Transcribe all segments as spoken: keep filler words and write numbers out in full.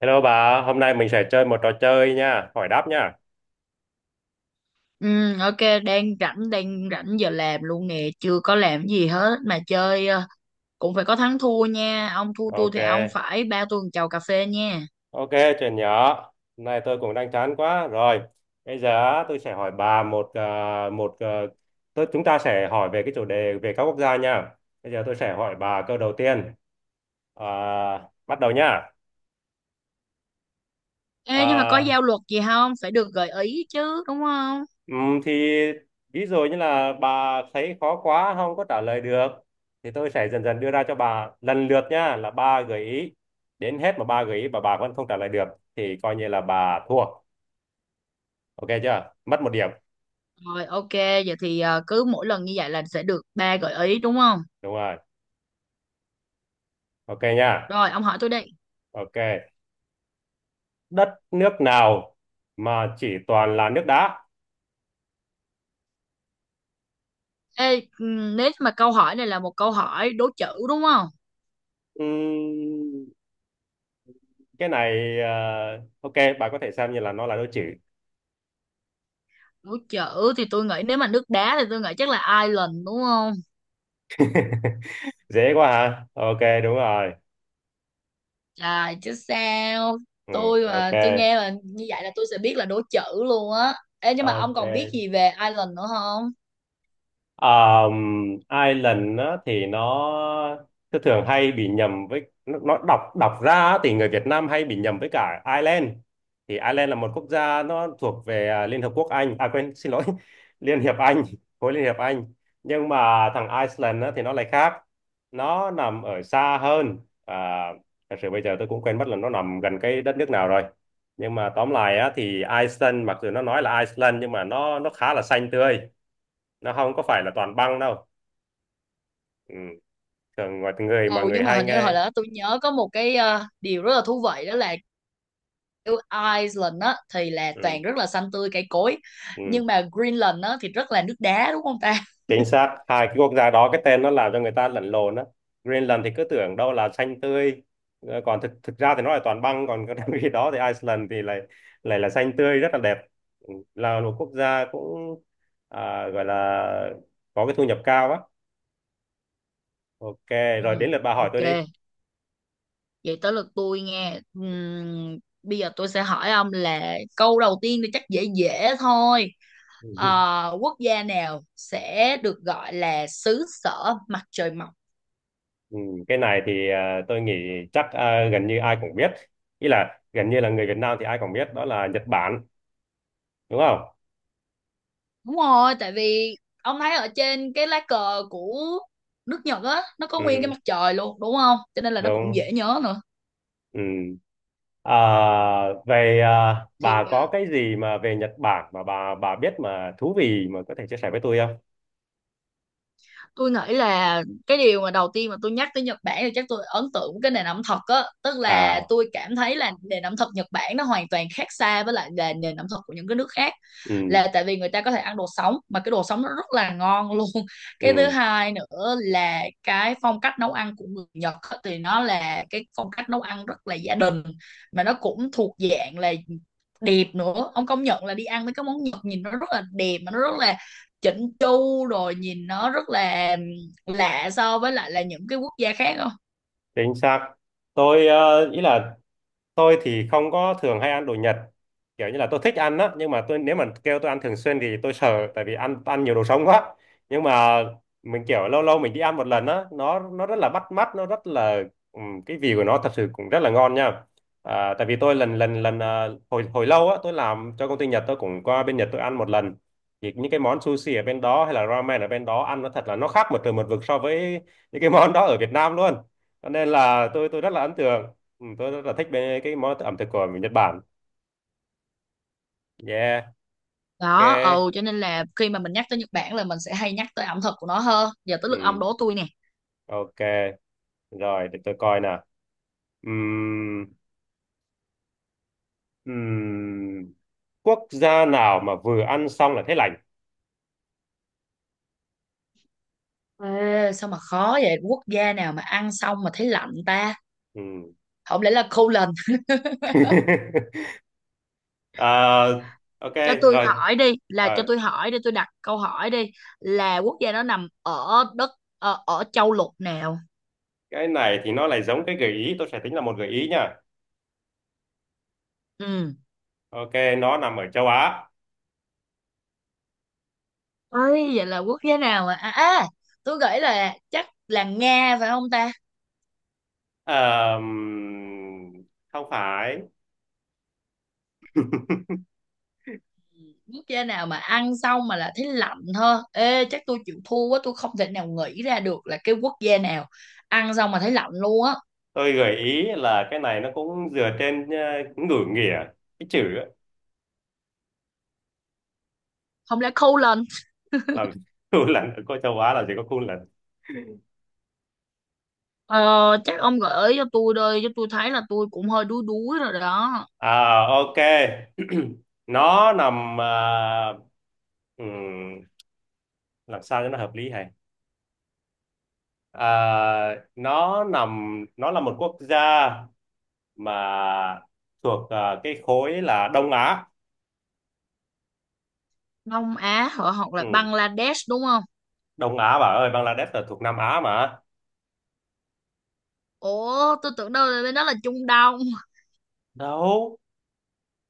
Hello bà, hôm nay mình sẽ chơi một trò chơi nha, hỏi đáp nha. Ừ, ok, đang rảnh đang rảnh giờ làm luôn nè, chưa có làm gì hết mà chơi, ờ, cũng phải có thắng thua nha, ông thua tôi Ok, thì ông phải ba tôi một chầu cà phê nha. ok, chuyện nhỏ. Hôm nay tôi cũng đang chán quá. Rồi, bây giờ á, tôi sẽ hỏi bà một ờ, một ờ, tôi chúng ta sẽ hỏi về cái chủ đề về các quốc gia nha. Bây giờ tôi sẽ hỏi bà câu đầu tiên. À, Bắt đầu nha. Ờ, Ê, nhưng mà có giao luật gì không, phải được gợi ý chứ đúng không? Ừm, thì ví dụ như là bà thấy khó quá không có trả lời được, thì tôi sẽ dần dần đưa ra cho bà lần lượt nha, là ba gợi ý, đến hết mà ba gợi ý mà bà vẫn không trả lời được thì coi như là bà thua, ok chưa, mất một điểm. Rồi, ok, vậy thì ờ, cứ mỗi lần như vậy là sẽ được ba gợi ý đúng không? Đúng rồi, ok nha. Rồi, ông hỏi tôi đây. Ok, đất nước nào mà chỉ toàn là nước đá? Ê, ừ, nếu mà câu hỏi này là một câu hỏi đố chữ đúng không? Ừm, cái này ờ, ok, bà có thể xem như là nó là đố chữ. Đố chữ thì tôi nghĩ, nếu mà nước đá thì tôi nghĩ chắc là Ireland đúng không? Dễ quá hả, ok đúng rồi. Trời chứ sao. Ừ, Tôi ok. mà tôi nghe là như vậy là tôi sẽ biết là đố chữ luôn á. Ê, nhưng mà ông còn biết Ok. gì về Ireland nữa không? Um, Ireland á, thì nó thường thường hay bị nhầm với nó, nó đọc đọc ra á, thì người Việt Nam hay bị nhầm với cả Ireland, thì Ireland là một quốc gia nó thuộc về à, Liên Hợp Quốc Anh, à quên, xin lỗi, Liên Hiệp Anh, khối Liên Hiệp Anh. Nhưng mà thằng Iceland á, thì nó lại khác, nó nằm ở xa hơn. à, Thật sự bây giờ tôi cũng quên mất là nó nằm gần cái đất nước nào rồi, nhưng mà tóm lại á, thì Iceland, mặc dù nó nói là Iceland, nhưng mà nó nó khá là xanh tươi, nó không có phải là toàn băng đâu. Ừ, thường mọi người mọi Ừ, người nhưng mà hay hình như là hồi nghe. đó tôi nhớ có một cái, ờ, điều rất là thú vị đó là, kiểu, Iceland á thì là toàn Ừ. rất là xanh tươi cây cối, Ừ. nhưng mà Greenland á thì rất là nước đá đúng không ta? Chính xác, hai cái quốc gia đó cái tên nó làm cho người ta lẫn lộn á. Greenland thì cứ tưởng đâu là xanh tươi, ờ, còn thực thực ra thì nó là toàn băng, còn cái cái đó thì Iceland thì lại lại là xanh tươi, rất là đẹp. Ừ, là một quốc gia cũng, à, gọi là có cái thu nhập cao á. Ok, rồi Ừ, đến lượt bà hỏi ok, tôi đi. vậy tới lượt tôi nghe. Ừm, bây giờ tôi sẽ hỏi ông là câu đầu tiên thì chắc dễ dễ thôi. Ờ, quốc gia nào sẽ được gọi là xứ sở mặt trời mọc? Ừ, cái này thì à, tôi nghĩ chắc à, gần như ai cũng biết, ý là gần như là người Việt Nam thì ai cũng biết, đó là Nhật Bản, đúng không? Đúng rồi, tại vì ông thấy ở trên cái lá cờ của nước Nhật á, nó có nguyên cái Ừ, mặt trời luôn đúng không, cho nên là nó cũng đúng. dễ nhớ nữa. Ừ. À, về à, Thì bà có cái gì mà về Nhật Bản mà bà bà biết mà thú vị mà có thể chia sẻ với tôi không? tôi nghĩ là cái điều mà đầu tiên mà tôi nhắc tới Nhật Bản thì chắc tôi ấn tượng với cái nền ẩm thực á, tức là À. tôi cảm thấy là nền ẩm thực Nhật Bản nó hoàn toàn khác xa với lại là nền ẩm thực của những cái nước khác. Ừ, Là tại vì người ta có thể ăn đồ sống mà cái đồ sống nó rất là ngon luôn. ừ, Cái thứ hai nữa là cái phong cách nấu ăn của người Nhật á, thì nó là cái phong cách nấu ăn rất là gia đình, mà nó cũng thuộc dạng là đẹp nữa. Ông công nhận là đi ăn mấy cái món Nhật nhìn nó rất là đẹp, mà nó rất là chỉnh chu, rồi nhìn nó rất là lạ so với lại là những cái quốc gia khác không? chính xác. Tôi, ờ, ý là tôi thì không có thường hay ăn đồ Nhật, kiểu như là tôi thích ăn á, nhưng mà tôi, nếu mà kêu tôi ăn thường xuyên thì tôi sợ, tại vì ăn, ăn nhiều đồ sống quá. Nhưng mà mình kiểu lâu lâu mình đi ăn một lần á, nó nó rất là bắt mắt, nó rất là, ừm, cái vị của nó thật sự cũng rất là ngon nha. À, tại vì tôi lần lần lần, à, hồi hồi lâu á, tôi làm cho công ty Nhật, tôi cũng qua bên Nhật tôi ăn một lần, thì những cái món sushi ở bên đó hay là ramen ở bên đó, ăn nó thật là nó khác một trời một vực so với những cái món đó ở Việt Nam luôn. Cho nên là tôi tôi rất là ấn tượng. Ừ, tôi rất là thích bên cái món ẩm thực của Nhật Bản. Yeah, Đó, ok. ừ, cho nên là khi mà mình nhắc tới Nhật Bản là mình sẽ hay nhắc tới ẩm thực của nó hơn. Giờ tới Ừ, lượt ông đố tôi nè. ok. Rồi, để tôi coi nào. Ừm, ừm, Quốc gia nào mà vừa ăn xong là thấy lành? Ê, sao mà khó vậy? Quốc gia nào mà ăn xong mà thấy lạnh ta? Ừm. Không lẽ là khô lần? À, ok, Cho tôi rồi. hỏi đi, là cho Ờ, tôi hỏi đi, tôi đặt câu hỏi đi, là quốc gia đó nằm ở đất, ờ, ở châu lục nào? cái này thì nó lại giống cái gợi ý, tôi sẽ tính là một gợi ý nha. Ừ. Ok, nó nằm ở châu Á. Ơi, vậy là quốc gia nào mà, à, à tôi nghĩ là chắc là Nga phải không ta? Ờm, không phải. Quốc gia nào mà ăn xong mà là thấy lạnh thôi, ê chắc tôi chịu thua quá, tôi không thể nào nghĩ ra được là cái quốc gia nào ăn xong mà thấy lạnh luôn á. Tôi gợi ý là cái này nó cũng dựa trên ờ, ngữ nghĩa, cái chữ. Không lẽ khâu lên. Là khu lạnh ở có châu Á là chỉ có khu lạnh. Ờ, chắc ông gợi ý cho tôi đây cho tôi thấy là tôi cũng hơi đuối đuối rồi đó. À, ok. Nó nằm à, ừm, làm sao cho nó hợp lý hay, à, nó nằm, nó là một quốc gia mà thuộc à, cái khối là Đông Á. Đông Á hả? Hoặc là Ừ, Bangladesh đúng không? Đông Á bà ơi, Bangladesh là thuộc Nam Á mà. Ủa tôi tưởng đâu là bên đó là Trung Đông. Đâu,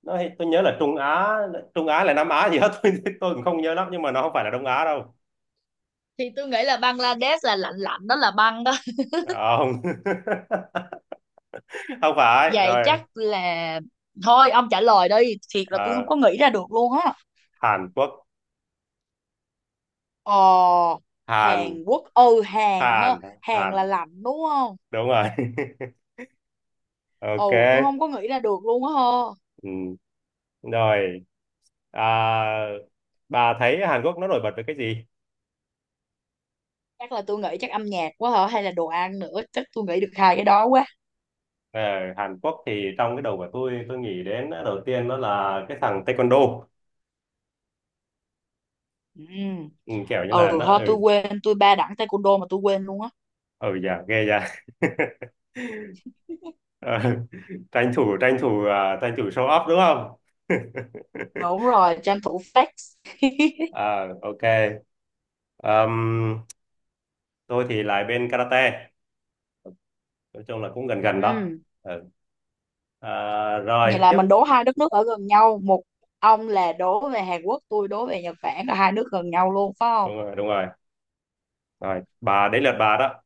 nó, tôi nhớ là Trung Á, Trung Á là Nam Á gì hết, tôi tôi cũng không nhớ lắm, nhưng mà nó không phải là Đông Á đâu. Thì tôi nghĩ là Bangladesh là lạnh lạnh đó, là băng đó. Không, không phải Vậy rồi. chắc là thôi, ông trả lời đi, thiệt là tôi không Ờ, có nghĩ ra được luôn á. Hàn Quốc. Ờ, Hàn. Hàn Quốc. Ừ, Hàn ha. Hàn. Hàn là Hàn, lạnh đúng không? đúng rồi. Ừ, Ok. tôi không có nghĩ ra được luôn á ha. Ừ. Rồi, à, bà thấy Hàn Quốc nó nổi bật với cái gì? Chắc là tôi nghĩ chắc âm nhạc quá hả? Hay là đồ ăn nữa. Chắc tôi nghĩ được hai cái đó quá. Ờ, Hàn Quốc thì trong cái đầu của tôi tôi nghĩ đến đầu tiên đó là cái thằng Taekwondo. Ừ, Ừ, kiểu như ừ là nó, ha, tôi ừ. quên. Tôi ba đẳng taekwondo mà tôi quên luôn á. Ừ dạ ghê dạ. Ờ, tranh thủ tranh thủ, à, tranh thủ show off đúng không. Đúng rồi, tranh thủ flex. À, ok. Ờm, tôi thì lại bên karate, nói chung là cũng gần gần đó. Ừ, Ờ, À, vậy rồi là tiếp. mình đố hai đất nước ở gần nhau. Một ông là đố về Hàn Quốc, tôi đố về Nhật Bản. Là hai nước gần nhau luôn, phải không? Đúng rồi, đúng rồi. Rồi, bà đến lượt bà đó.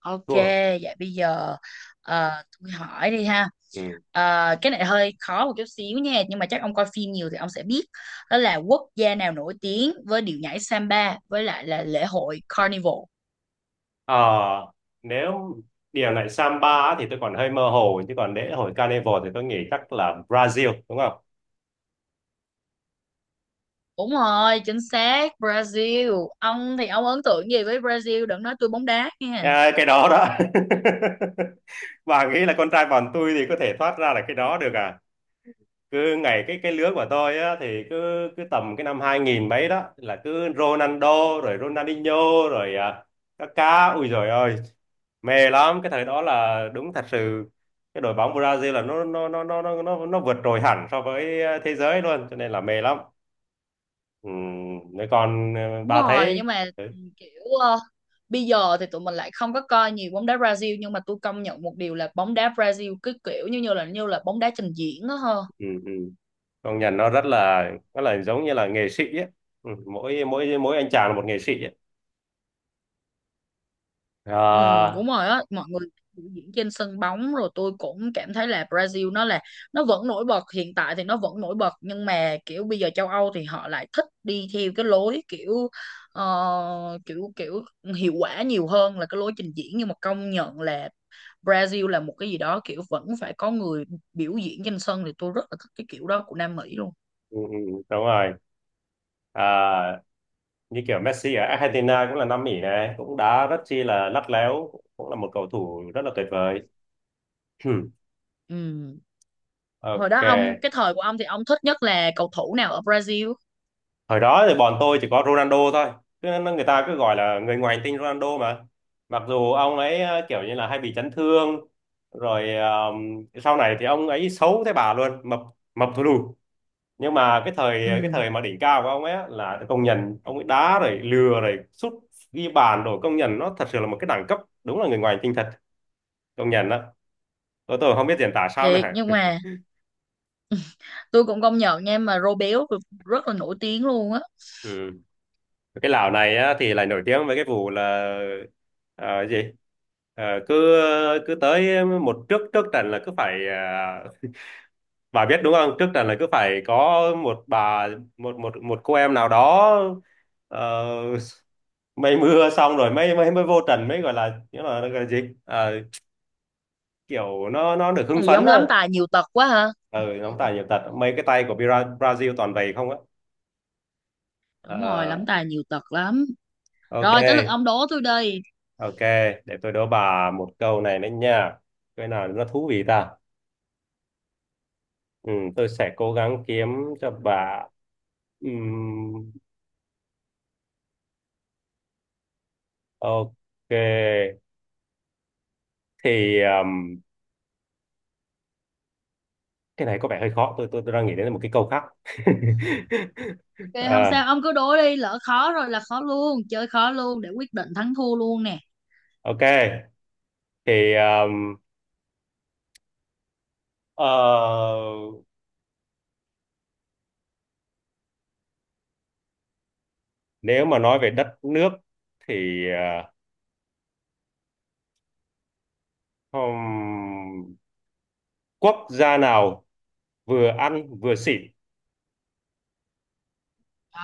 Ok, Thua. vậy bây giờ, ờ, tôi hỏi đi ha. Ừ. Ờ, cái này hơi khó một chút xíu nha, nhưng mà chắc ông coi phim nhiều thì ông sẽ biết đó là quốc gia nào nổi tiếng với điệu nhảy samba với lại là lễ hội Carnival. Ờ, nếu điều này samba á thì tôi còn hơi mơ hồ, chứ còn lễ hội carnival thì tôi nghĩ chắc là Brazil, đúng không? Đúng rồi, chính xác Brazil. Ông thì ông ấn tượng gì với Brazil? Đừng nói tôi bóng đá nha. À, cái đó đó. Bà nghĩ là con trai bọn tôi thì có thể thoát ra là cái đó được à? Cứ ngày Cái cái lứa của tôi á, thì cứ cứ tầm cái năm hai nghìn mấy đó là cứ Ronaldo, rồi Ronaldinho, rồi à, Kaká, ui rồi ơi, mê lắm. Cái thời đó là đúng thật sự cái đội bóng Brazil là nó nó nó nó nó nó, nó vượt trội hẳn so với ờ, thế giới luôn, cho nên là mê lắm. Ừ, nếu còn ờ, Đúng bà rồi, thấy. nhưng mà Ừ, kiểu, ờ, bây giờ thì tụi mình lại không có coi nhiều bóng đá Brazil, nhưng mà tôi công nhận một điều là bóng đá Brazil cứ kiểu như như là như là bóng đá trình diễn đó ha. ừ. Ừ, công nhận nó rất là, nó là giống như là nghệ sĩ ấy. Ừ, mỗi mỗi mỗi anh chàng là một nghệ sĩ ấy. Ừ, À. đúng rồi á, mọi người biểu diễn trên sân bóng, rồi tôi cũng cảm thấy là Brazil nó là, nó vẫn nổi bật. Hiện tại thì nó vẫn nổi bật, nhưng mà kiểu bây giờ châu Âu thì họ lại thích đi theo cái lối kiểu, ờ, kiểu kiểu hiệu quả nhiều hơn là cái lối trình diễn, nhưng mà công nhận là Brazil là một cái gì đó kiểu vẫn phải có người biểu diễn trên sân, thì tôi rất là thích cái kiểu đó của Nam Mỹ luôn. Ừ, ừ, đúng rồi. À, như kiểu Messi ở Argentina cũng là Nam Mỹ, này cũng đá rất chi là lắt léo, cũng là một cầu thủ rất là tuyệt vời. Ừ. Hồi đó ông Ok. cái thời của ông thì ông thích nhất là cầu thủ nào ở Brazil? Hồi đó thì bọn tôi chỉ có Ronaldo thôi. Cứ, người ta cứ gọi là người ngoài hành tinh Ronaldo mà, mặc dù ông ấy ờ, kiểu như là hay bị chấn thương, rồi ờ, sau này thì ông ấy xấu thế bà luôn, mập, mập thù lù. Nhưng mà cái thời cái Ừ. thời mà đỉnh cao của ông ấy á, là công nhận ông ấy đá rồi lừa rồi sút ghi bàn rồi, công nhận nó thật sự là một cái đẳng cấp, đúng là người ngoài hành tinh thật, công nhận đó. Ô, tôi không biết diễn tả sao nữa Thiệt hả? nhưng mà tôi cũng công nhận nha, mà rô béo rất là nổi tiếng luôn á. Ừ. Cái lão này á, thì lại nổi tiếng với cái vụ là ờ, gì? Ờ, cứ Cứ tới một trước trước trận là cứ phải, ờ, bà biết đúng không? Trước trận là cứ phải có một bà, một một một cô em nào đó, ờ, mây mưa xong rồi mới mới mới vô trận, mới gọi là nghĩa là, gọi là gì? Ờ, kiểu nó nó được hưng Thì phấn giống lắm á. tài nhiều tật quá ha. Ừ, nó tài nhiều tật, mấy cái tay của Bra- Brazil toàn vậy không á. Đúng rồi, Ờ, lắm tài nhiều tật lắm. ok. Rồi tới lượt ông đố tôi đi. Ok, để tôi đố bà một câu này đấy nha. Cái nào nó thú vị ta? Ừ, tôi sẽ cố gắng kiếm cho bà. Ừm, ok, thì um, cái này có vẻ hơi khó. Tôi, tôi tôi đang nghĩ đến một cái câu khác. Ok, không À, sao, ông cứ đố đi, lỡ khó rồi là khó luôn, chơi khó luôn để quyết định thắng thua luôn nè. ok, thì um, ờ, nếu mà nói về đất nước thì, ờ, hmm, quốc gia nào vừa ăn vừa xỉn?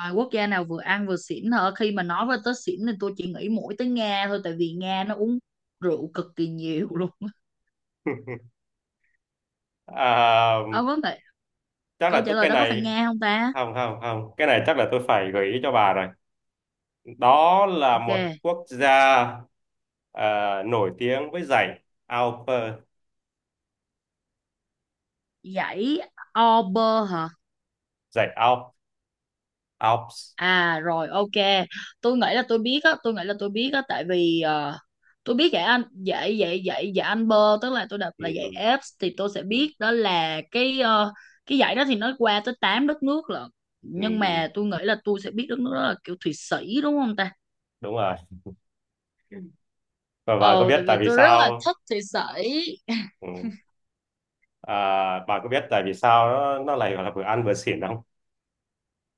Rồi, quốc gia nào vừa ăn vừa xỉn hả? Khi mà nói với tới xỉn thì tôi chỉ nghĩ mỗi tới Nga thôi, tại vì Nga nó uống rượu cực kỳ nhiều luôn. À, Ông có thể, chắc câu là trả tôi lời cái đó có phải này, Nga không ta? không không không, cái này chắc là tôi phải gợi ý cho bà rồi. Đó là Ok, một quốc gia ờ, nổi tiếng với dãy Alps. dãy Ober hả? Dãy Alps. Alps. À rồi ok, tôi nghĩ là tôi biết á, tôi nghĩ là tôi biết á tại vì ờ, tôi biết dạy anh dạy dạy dạy dạy anh bơ, tức là tôi đọc ừ, là dạy ừ, ép thì tôi sẽ ừ, biết đó là cái, ờ, cái dạy đó thì nó qua tới tám đất nước lận. ừ, Nhưng ừ. mà tôi nghĩ là tôi sẽ biết đất nước đó là kiểu Thụy Sĩ đúng không ta? Đúng rồi, và bà có Ồ biết tại tại vì vì tôi rất là sao? thích Thụy Sĩ. Ừ. À, bà có biết tại vì sao nó nó lại gọi là vừa ăn vừa xỉn không?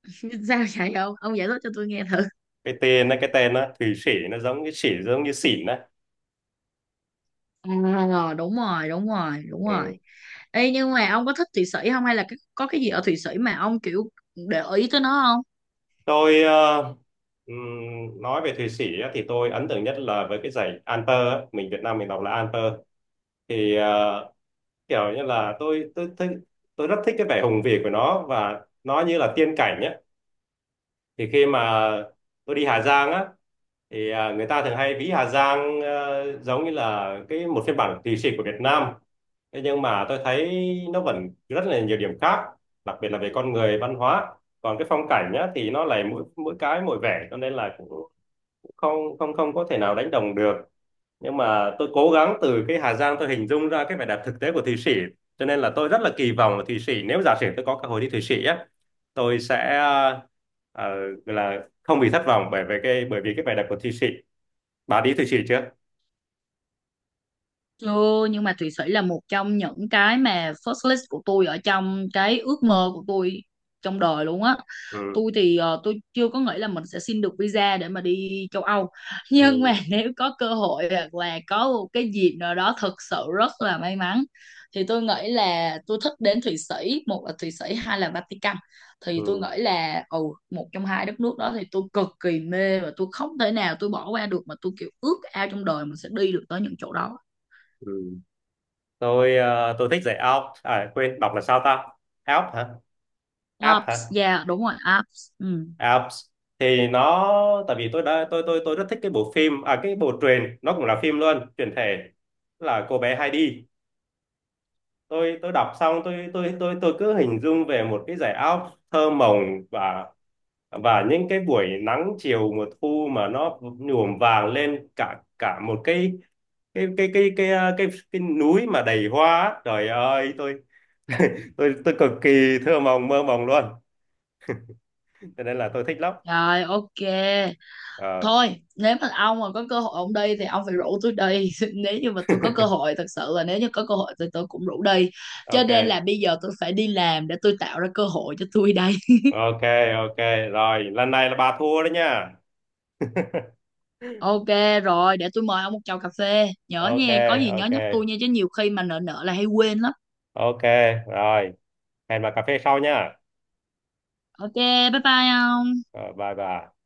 Sao vậy ông? Ông giải thích cho tôi nghe thử. Cái tên nó cái tên nó Thụy Sĩ, nó giống như xỉ, giống như xỉn đấy. À, đúng rồi, đúng rồi, đúng rồi. Ừ. Ê, nhưng mà ông có thích Thụy Sĩ không, hay là cái- có cái gì ở Thụy Sĩ mà ông kiểu để ý tới nó? Tôi ờ, ừm, nói về Thụy Sĩ á, thì tôi ấn tượng nhất là với cái dãy Alper á, mình Việt Nam mình đọc là Alper, thì ờ, kiểu như là tôi tôi thích, tôi rất thích cái vẻ hùng vĩ của nó, và nó như là tiên cảnh nhé. Thì khi mà tôi đi Hà Giang á, thì ờ, người ta thường hay ví Hà Giang ờ, giống như là cái một phiên bản lì xì của Việt Nam, thế nhưng mà tôi thấy nó vẫn rất là nhiều điểm khác, đặc biệt là về con người văn hóa. Còn cái phong cảnh nhá thì nó lại mỗi mỗi cái mỗi vẻ, cho nên là cũng không không không có thể nào đánh đồng được. Nhưng mà tôi cố gắng từ cái Hà Giang tôi hình dung ra cái vẻ đẹp thực tế của Thụy Sĩ. Cho nên là tôi rất là kỳ vọng là Thụy Sĩ, nếu giả sử tôi có cơ hội đi Thụy Sĩ á, tôi sẽ ờ, gọi là không bị thất vọng bởi vì cái, bởi vì cái vẻ đẹp của Thụy Sĩ. Bà đi Thụy Sĩ chưa? Chưa, nhưng mà Thụy Sĩ là một trong những cái mà first list của tôi ở trong cái ước mơ của tôi trong đời luôn á. ừ Tôi thì, ờ, tôi chưa có nghĩ là mình sẽ xin được visa để mà đi châu Âu. Nhưng mà ừ nếu có cơ hội hoặc là có một cái dịp nào đó thật sự rất là may mắn thì tôi nghĩ là tôi thích đến Thụy Sĩ, một là Thụy Sĩ, hai là Vatican. Thì tôi nghĩ ừ là ừ, một trong hai đất nước đó thì tôi cực kỳ mê, và tôi không thể nào tôi bỏ qua được, mà tôi kiểu ước ao trong đời mình sẽ đi được tới những chỗ đó. ừ tôi ờ, tôi thích dạy Alps, à quên, đọc là sao ta, Alps hả? Alps hả? Ops, yeah, đúng rồi. Ops. Ừ. À, thì nó tại vì tôi đã tôi tôi tôi rất thích cái bộ phim, à cái bộ truyền, nó cũng là phim luôn, truyền thể, là cô bé Heidi. Tôi tôi đọc xong, tôi tôi tôi tôi cứ hình dung về một cái dải áo thơ mộng, và và những cái buổi nắng chiều mùa thu mà nó nhuộm vàng lên cả cả một cái cái cái cái cái cái cái, cái núi mà đầy hoa á. Trời ơi, tôi tôi tôi cực kỳ thơ mộng mơ mộng luôn, cho nên là tôi thích lắm. Rồi, ok. Ờ, Thôi, nếu mà ông mà có cơ hội ông đi thì ông phải rủ tôi đi. Nếu như mà tôi có cơ hội, thật sự là nếu như có cơ hội thì tôi cũng rủ đi. Cho nên ok. là bây giờ tôi phải đi làm để tôi tạo ra cơ hội cho tôi đây. Ok. Ok, rồi lần này là bà thua đấy nha. Ok rồi, để tôi mời ông một chầu cà phê. Nhớ Ok. nha, có gì nhớ Ok. nhắc tôi nha, chứ nhiều khi mà nợ nợ là hay quên lắm. Ok, rồi, hẹn bà cà phê sau nha. Ok, bye bye ông. Rồi, bye bye.